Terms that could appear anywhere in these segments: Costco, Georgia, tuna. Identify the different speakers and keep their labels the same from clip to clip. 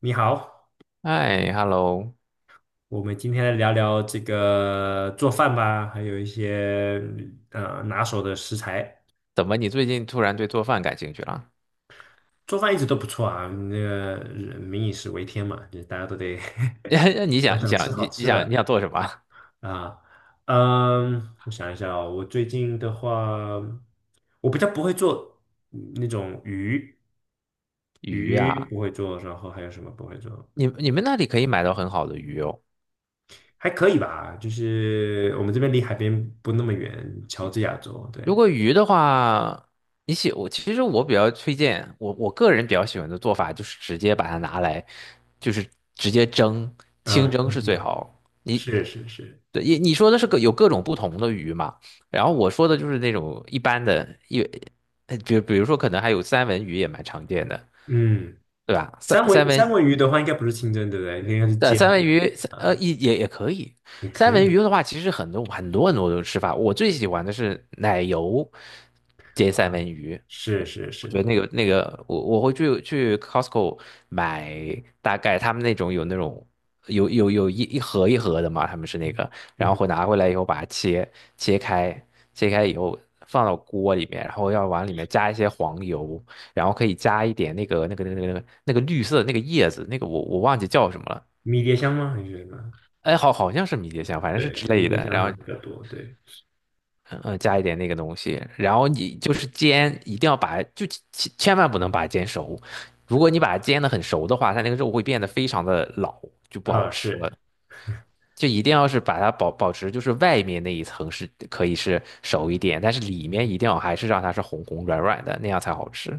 Speaker 1: 你好，
Speaker 2: 哎，hello，
Speaker 1: 我们今天来聊聊这个做饭吧，还有一些拿手的食材。
Speaker 2: 怎么你最近突然对做饭感兴趣了？
Speaker 1: 做饭一直都不错啊，那个人民以食为天嘛，就是大家都得。
Speaker 2: 你
Speaker 1: 都
Speaker 2: 想，你
Speaker 1: 想吃
Speaker 2: 想，
Speaker 1: 好
Speaker 2: 你你
Speaker 1: 吃
Speaker 2: 想，你
Speaker 1: 的
Speaker 2: 想做什么啊
Speaker 1: 啊。嗯，我想一下哦，我最近的话，我比较不会做那种鱼，
Speaker 2: 鱼
Speaker 1: 鱼
Speaker 2: 啊，
Speaker 1: 不会做，然后还有什么不会做？
Speaker 2: 你们那里可以买到很好的鱼哦。
Speaker 1: 还可以吧，就是我们这边离海边不那么远，乔治亚州，
Speaker 2: 如
Speaker 1: 对。
Speaker 2: 果鱼的话，你喜我其实我比较推荐我个人比较喜欢的做法就是直接把它拿来，就是直接蒸，
Speaker 1: 啊，
Speaker 2: 清蒸
Speaker 1: 嗯
Speaker 2: 是最
Speaker 1: 嗯，
Speaker 2: 好。你
Speaker 1: 是是是，
Speaker 2: 对你你说的是有各种不同的鱼嘛？然后我说的就是那种一般的，比如说可能还有三文鱼也蛮常见的。
Speaker 1: 嗯，
Speaker 2: 对吧？三
Speaker 1: 三
Speaker 2: 三
Speaker 1: 文
Speaker 2: 分
Speaker 1: 三文鱼的话应该不是清蒸，对不对？应该是
Speaker 2: 对，
Speaker 1: 煎
Speaker 2: 三
Speaker 1: 的
Speaker 2: 文鱼，
Speaker 1: 啊，
Speaker 2: 也可以。
Speaker 1: 也
Speaker 2: 三
Speaker 1: 可
Speaker 2: 文
Speaker 1: 以，
Speaker 2: 鱼的话，其实很多种吃法。我最喜欢的是奶油煎三文鱼，
Speaker 1: 是是
Speaker 2: 我
Speaker 1: 是，
Speaker 2: 觉得我会去 Costco 买，大概他们那种有那种有一盒的嘛，他们是那个，然后
Speaker 1: 嗯，
Speaker 2: 会拿回来以后把它切开，切开以后放到锅里面，然后要往里面加一些黄油，然后可以加一点那个绿色的那个叶子，那个我忘记叫什么了。
Speaker 1: 迷迭香吗？还是什么？
Speaker 2: 哎，好，好像是迷迭香，反正是之
Speaker 1: 对，迷
Speaker 2: 类
Speaker 1: 迭
Speaker 2: 的，
Speaker 1: 香
Speaker 2: 然
Speaker 1: 好像
Speaker 2: 后，
Speaker 1: 比较多，对，
Speaker 2: 加一点那个东西，然后你就是煎，一定要把，就千万不能把它煎熟，如果你把它煎的很熟的话，它那个肉会变得非常的老，就不好
Speaker 1: 啊，
Speaker 2: 吃了。
Speaker 1: 是，
Speaker 2: 就一定要是把它保持，就是外面那一层是可以是熟一点，但是里面一定要还是让它是红红软软的，那样才好吃。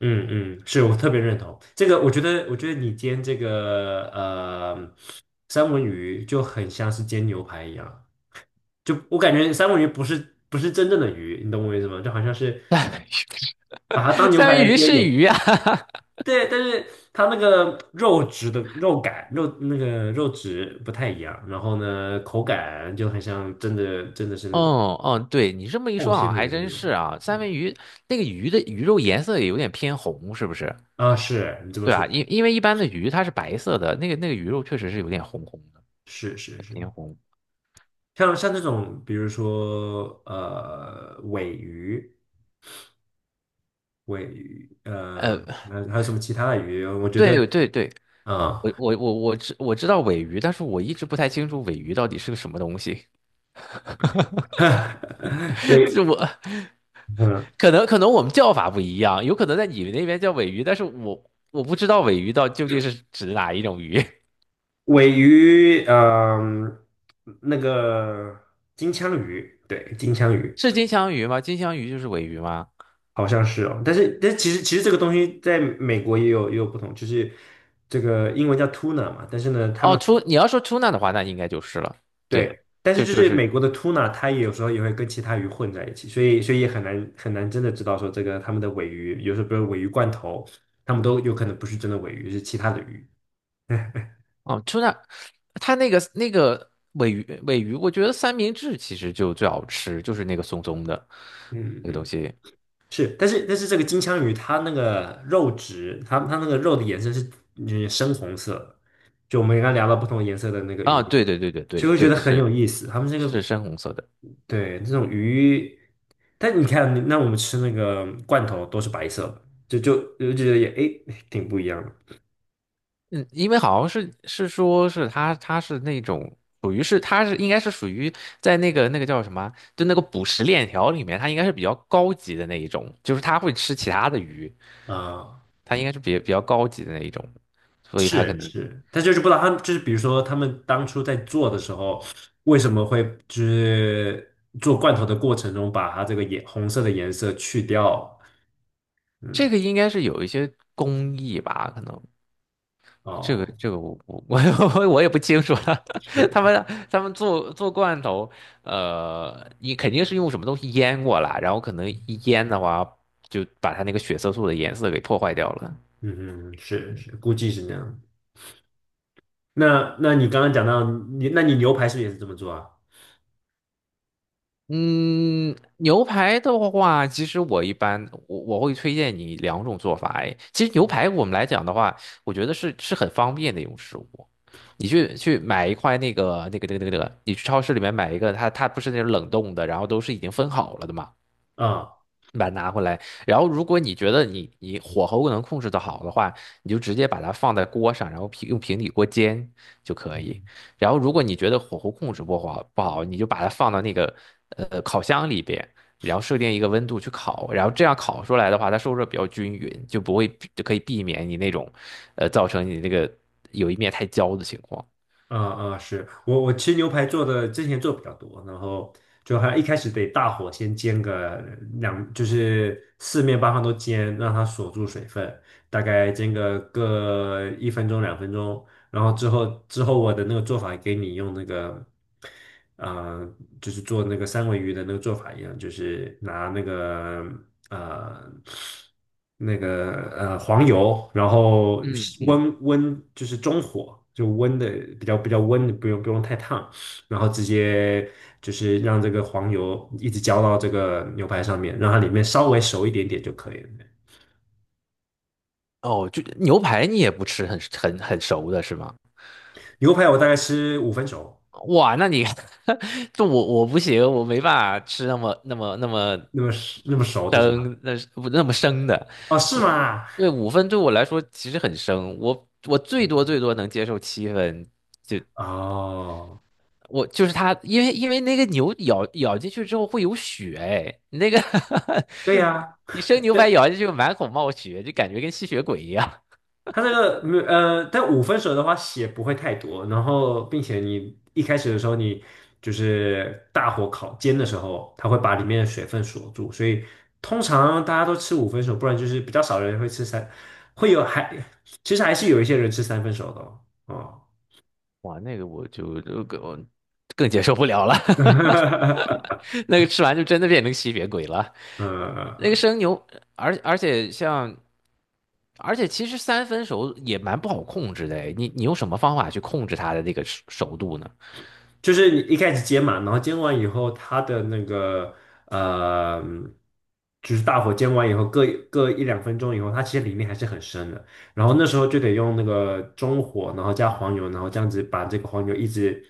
Speaker 1: 嗯嗯，是我特别认同这个，我觉得你煎这个三文鱼就很像是煎牛排一样，就我感觉三文鱼不是真正的鱼，你懂我意思吗？就好像是把它当 牛
Speaker 2: 三
Speaker 1: 排
Speaker 2: 文
Speaker 1: 来
Speaker 2: 鱼
Speaker 1: 煎
Speaker 2: 是
Speaker 1: 也
Speaker 2: 鱼
Speaker 1: 可
Speaker 2: 啊，
Speaker 1: 以。对，但是它那个肉质的肉感，肉那个肉质不太一样，然后呢，口感就很像真的是那种
Speaker 2: 哦哦，对你这么一
Speaker 1: 厚
Speaker 2: 说，好像
Speaker 1: 纤维
Speaker 2: 还
Speaker 1: 的那
Speaker 2: 真
Speaker 1: 种。
Speaker 2: 是啊。三
Speaker 1: 嗯
Speaker 2: 文鱼那个鱼的鱼肉颜色也有点偏红，是不是？
Speaker 1: 啊，是你这么
Speaker 2: 对
Speaker 1: 说
Speaker 2: 啊，因为一般的鱼它是白色的，那个那个鱼肉确实是有点红红的，
Speaker 1: 是，是是是，
Speaker 2: 偏红。
Speaker 1: 像这种，比如说尾鱼、尾鱼，呃，
Speaker 2: 呃，
Speaker 1: 还有什么其他的鱼？我觉得
Speaker 2: 对对对，
Speaker 1: 啊，
Speaker 2: 我知道尾鱼，但是我一直不太清楚尾鱼到底是个什么东西。
Speaker 1: 尾
Speaker 2: 就我
Speaker 1: 嗯
Speaker 2: 可能我们叫法不一样，有可能在你们那边叫尾鱼，但是我我不知道尾鱼到究竟是指哪一种鱼，
Speaker 1: 尾鱼，嗯，那个金枪鱼，对，金枪 鱼。
Speaker 2: 是金枪鱼吗？金枪鱼就是尾鱼吗？
Speaker 1: 好像是哦，但是其实这个东西在美国也有不同，就是这个英文叫 tuna 嘛，但是呢，他
Speaker 2: 哦，
Speaker 1: 们，
Speaker 2: 出你要说出纳的话，那应该就是了。
Speaker 1: 对，
Speaker 2: 对，
Speaker 1: 但是
Speaker 2: 就
Speaker 1: 就
Speaker 2: 就
Speaker 1: 是
Speaker 2: 是
Speaker 1: 美国的 tuna 它也有时候也会跟其他鱼混在一起，所以也很难真的知道说这个他们的尾鱼，有时候比如尾鱼罐头，他们都有可能不是真的尾鱼，是其他的鱼。
Speaker 2: 哦，出纳，它那个那个尾鱼，我觉得三明治其实就最好吃，就是那个松松的
Speaker 1: 嗯
Speaker 2: 那个东
Speaker 1: 嗯，
Speaker 2: 西
Speaker 1: 是，但是这个金枪鱼它那个肉质，它那个肉的颜色是深红色的。就我们刚刚聊到不同颜色的那个
Speaker 2: 啊。
Speaker 1: 鱼，
Speaker 2: 对对对对对
Speaker 1: 就会觉
Speaker 2: 对，
Speaker 1: 得很
Speaker 2: 是
Speaker 1: 有意思。他们这
Speaker 2: 是
Speaker 1: 个，
Speaker 2: 深红色的。
Speaker 1: 对，这种鱼，但你看，那我们吃那个罐头都是白色的，就觉得也诶挺不一样的。
Speaker 2: 嗯，因为好像是说是它是那种属于是它是应该是属于在那个那个叫什么，就那个捕食链条里面，它应该是比较高级的那一种，就是它会吃其他的鱼。
Speaker 1: 啊，
Speaker 2: 它应该是比较高级的那一种，所以它可
Speaker 1: 是
Speaker 2: 能
Speaker 1: 是，但就是不知道他们就是比如说他们当初在做的时候，为什么会就是做罐头的过程中把它这个颜红色的颜色去掉？
Speaker 2: 这
Speaker 1: 嗯，
Speaker 2: 个应该是有一些工艺吧，可能这个
Speaker 1: 哦，
Speaker 2: 这个我 我也不清楚了。
Speaker 1: 是，
Speaker 2: 他们他们做罐头，你肯定是用什么东西腌过了，然后可能一腌的话，就把它那个血色素的颜色给破坏掉了。
Speaker 1: 嗯嗯，是
Speaker 2: 嗯
Speaker 1: 是，估计是那样。那你刚刚讲到你，那你牛排是不是也是这么做啊？
Speaker 2: 嗯，牛排的话，其实我一般我会推荐你两种做法。哎，其实牛排我们来讲的话，我觉得是很方便的一种食物。你去买一块你去超市里面买一个，它不是那种冷冻的，然后都是已经分好了的嘛。
Speaker 1: 啊，
Speaker 2: 把它拿回来，然后如果你觉得你火候能控制的好的话，你就直接把它放在锅上，然后用平底锅煎就可以。然后如果你觉得火候控制不好不好，你就把它放到那个烤箱里边，然后设定一个温度去烤，然后这样烤出来的话，它受热比较均匀，就不会就可以避免你那种造成你那个有一面太焦的情况。
Speaker 1: 啊啊，是我吃牛排做的，之前做比较多，然后就还一开始得大火先煎个两，就是四面八方都煎，让它锁住水分，大概煎个1分钟2分钟，然后之后我的那个做法给你用那个，呃，就是做那个三文鱼的那个做法一样，就是拿那个呃那个黄油，然后
Speaker 2: 嗯嗯，
Speaker 1: 温就是中火，就温的比较温的，不用太烫，然后直接就是让这个黄油一直浇到这个牛排上面，让它里面稍微熟一点点就可以了。
Speaker 2: 哦，就牛排你也不吃很熟的是吗？
Speaker 1: 牛排我大概吃五分熟，
Speaker 2: 哇，那你 这我不行，我没办法吃那么
Speaker 1: 那么那么熟的是吧？
Speaker 2: 生，那是不那么生的
Speaker 1: 哦，是
Speaker 2: 五，
Speaker 1: 吗？
Speaker 2: 对五分对我来说其实很生，我最多能接受七分，就
Speaker 1: 哦，
Speaker 2: 就是它，为因为那个牛咬进去之后会有血，哎，那个
Speaker 1: 对呀，
Speaker 2: 你生牛排咬进去满口冒血，就感觉跟吸血鬼一样，
Speaker 1: 它这个没有，但五分熟的话血不会太多，然后并且你一开始的时候你就是大火烤煎的时候，它会把里面的水分锁住，所以通常大家都吃五分熟，不然就是比较少人会吃三，会有还其实还是有一些人吃三分熟的哦。哦，
Speaker 2: 哇，那个我就更更接受不了了，那个吃完就真的变成吸血鬼了。那个
Speaker 1: 嗯，
Speaker 2: 生牛，而且而且其实三分熟也蛮不好控制的诶，你用什么方法去控制它的那个熟度呢？
Speaker 1: 就是你一开始煎嘛，然后煎完以后，它的那个呃，就是大火煎完以后，各一两分钟以后，它其实里面还是很深的。然后那时候就得用那个中火，然后加黄油，然后这样子把这个黄油一直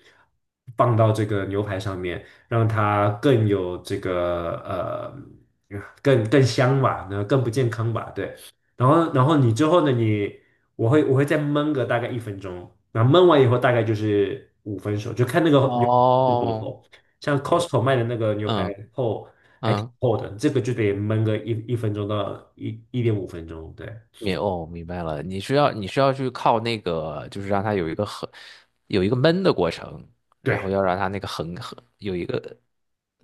Speaker 1: 放到这个牛排上面，让它更有这个更香吧，然后更不健康吧，对。然后你之后呢，你。我会再焖个大概一分钟，然后焖完以后大概就是五分熟，就看那个牛排有多
Speaker 2: 哦，
Speaker 1: 厚。像 Costco
Speaker 2: 我
Speaker 1: 卖的那个牛排
Speaker 2: 嗯
Speaker 1: 厚还挺
Speaker 2: 嗯，
Speaker 1: 厚的，这个就得焖个一分钟到一点五分钟。对
Speaker 2: 哦明白了，你需要去靠那个，就是让它有一个很有一个闷的过程，然后
Speaker 1: 对，
Speaker 2: 要让它那个有一个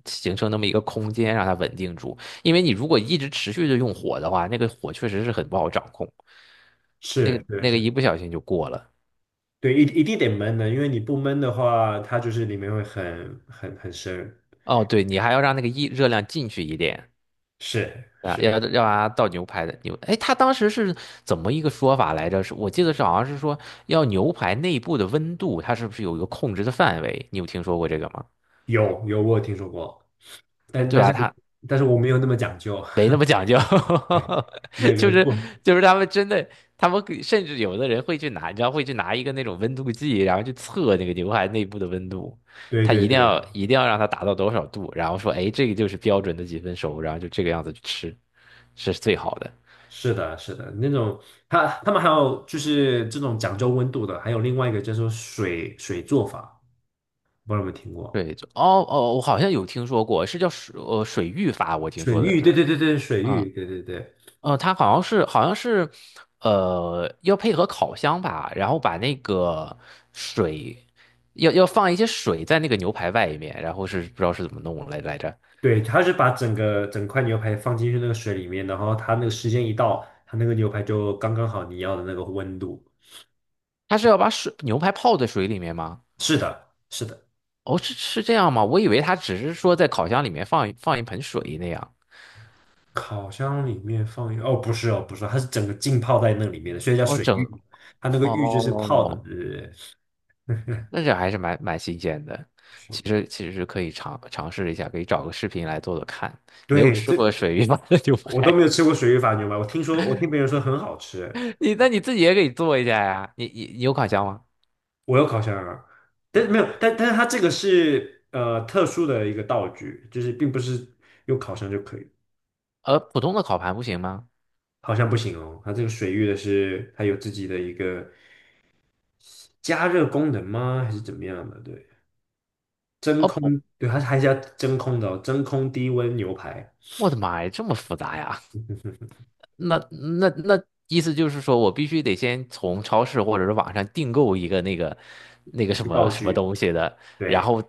Speaker 2: 形成那么一个空间，让它稳定住。因为你如果一直持续的用火的话，那个火确实是很不好掌控，那
Speaker 1: 是
Speaker 2: 个
Speaker 1: 对
Speaker 2: 那个
Speaker 1: 是，
Speaker 2: 一不小心就过了。
Speaker 1: 对一定得焖的，因为你不焖的话，它就是里面会很深。
Speaker 2: 哦，对，你还要让那个一热量进去一点
Speaker 1: 是
Speaker 2: 啊，
Speaker 1: 是，
Speaker 2: 要要让它倒牛排的牛。哎，他当时是怎么一个说法来着？是我记得是好像是说要牛排内部的温度，它是不是有一个控制的范围？你有听说过这个吗？
Speaker 1: 我有听说过，但
Speaker 2: 对
Speaker 1: 但是
Speaker 2: 吧？他
Speaker 1: 但是我没有那么讲究。
Speaker 2: 没那 么讲究，
Speaker 1: 哎，那
Speaker 2: 就
Speaker 1: 个
Speaker 2: 是
Speaker 1: 过，
Speaker 2: 就是他们真的，他们甚至有的人会去拿，你知道会去拿一个那种温度计，然后去测那个牛排内部的温度，
Speaker 1: 对
Speaker 2: 他
Speaker 1: 对对。
Speaker 2: 一定要让它达到多少度，然后说，哎，这个就是标准的几分熟，然后就这个样子去吃。是最好的。
Speaker 1: 是的，是的，那种，他们还有就是这种讲究温度的，还有另外一个叫做水做法，不知道有没有听过？
Speaker 2: 对，就哦哦，我好像有听说过，是叫水浴法，我听
Speaker 1: 水
Speaker 2: 说的
Speaker 1: 浴，对
Speaker 2: 是，
Speaker 1: 对对对，水
Speaker 2: 嗯
Speaker 1: 浴，对对对
Speaker 2: 嗯，它好像是，呃，要配合烤箱吧，然后把那个水要放一些水在那个牛排外面，然后是不知道是怎么来来着，
Speaker 1: 对，他是把整块牛排放进去那个水里面，然后他那个时间一到，他那个牛排就刚刚好你要的那个温度。
Speaker 2: 它是要把水牛排泡在水里面吗？
Speaker 1: 是的，是的，
Speaker 2: 哦，是是这样吗？我以为它只是说在烤箱里面放一盆水那样。
Speaker 1: 烤箱里面放一个，哦，不是哦，它是整个浸泡在那里面的，所以叫
Speaker 2: 哦，
Speaker 1: 水浴。它那个浴就是泡的，
Speaker 2: 哦
Speaker 1: 对对对。
Speaker 2: 那这还是蛮新鲜的。其实是可以尝试一下，可以找个视频来做做看。没有
Speaker 1: 对，
Speaker 2: 吃过
Speaker 1: 这
Speaker 2: 水鱼麻的牛
Speaker 1: 我都没有
Speaker 2: 排，
Speaker 1: 吃过水煮法牛排，我听说，我听别人说很好吃，
Speaker 2: 你那你自己也可以做一下呀。你有烤箱吗？
Speaker 1: 我有烤箱啊，但是没有，但是它这个是特殊的一个道具，就是并不是用烤箱就可以，
Speaker 2: 呃，普通的烤盘不行吗？
Speaker 1: 好像不行哦，它这个水域的是它有自己的一个加热功能吗？还是怎么样的？对，真
Speaker 2: 哦不，
Speaker 1: 空，对，它还是要真空的哦，真空低温牛排，
Speaker 2: 我的妈呀，这么复杂呀？那那那意思就是说我必须得先从超市或者是网上订购一个那个
Speaker 1: 一
Speaker 2: 什
Speaker 1: 个
Speaker 2: 么
Speaker 1: 道
Speaker 2: 什么
Speaker 1: 具，
Speaker 2: 东西的，然
Speaker 1: 对，
Speaker 2: 后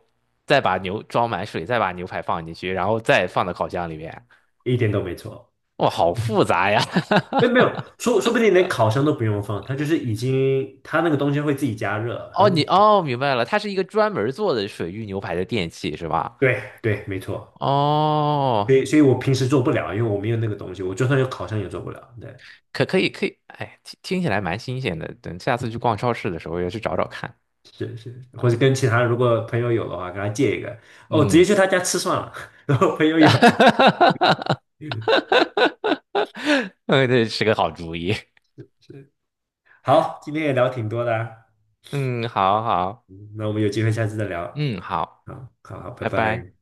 Speaker 2: 再把牛装满水，再把牛排放进去，然后再放到烤箱里面。
Speaker 1: 一点都没错。
Speaker 2: 哇，好复杂呀！
Speaker 1: 哎，没有，说不定连烤箱都不用放，它就是已经，它那个东西会自己加热，它
Speaker 2: 哦，
Speaker 1: 那个。
Speaker 2: 哦，明白了，它是一个专门做的水域牛排的电器是吧？
Speaker 1: 对对，没错。
Speaker 2: 哦，
Speaker 1: 所以我平时做不了，因为我没有那个东西。我就算有烤箱也做不了。对，
Speaker 2: 可以可以，哎，听听起来蛮新鲜的。等下次去逛超市的时候，要去找找看。
Speaker 1: 是是，或者跟其他如果朋友有的话，跟他借一个。哦，直接去
Speaker 2: 嗯，
Speaker 1: 他家吃算了。然后朋友有，
Speaker 2: 嗯，这是个好主意。
Speaker 1: 是。好，今天也聊挺多的啊。
Speaker 2: 嗯，好好，
Speaker 1: 嗯，那我们有机会下次再聊。
Speaker 2: 嗯，好，
Speaker 1: 好，好，好，拜
Speaker 2: 拜拜。
Speaker 1: 拜。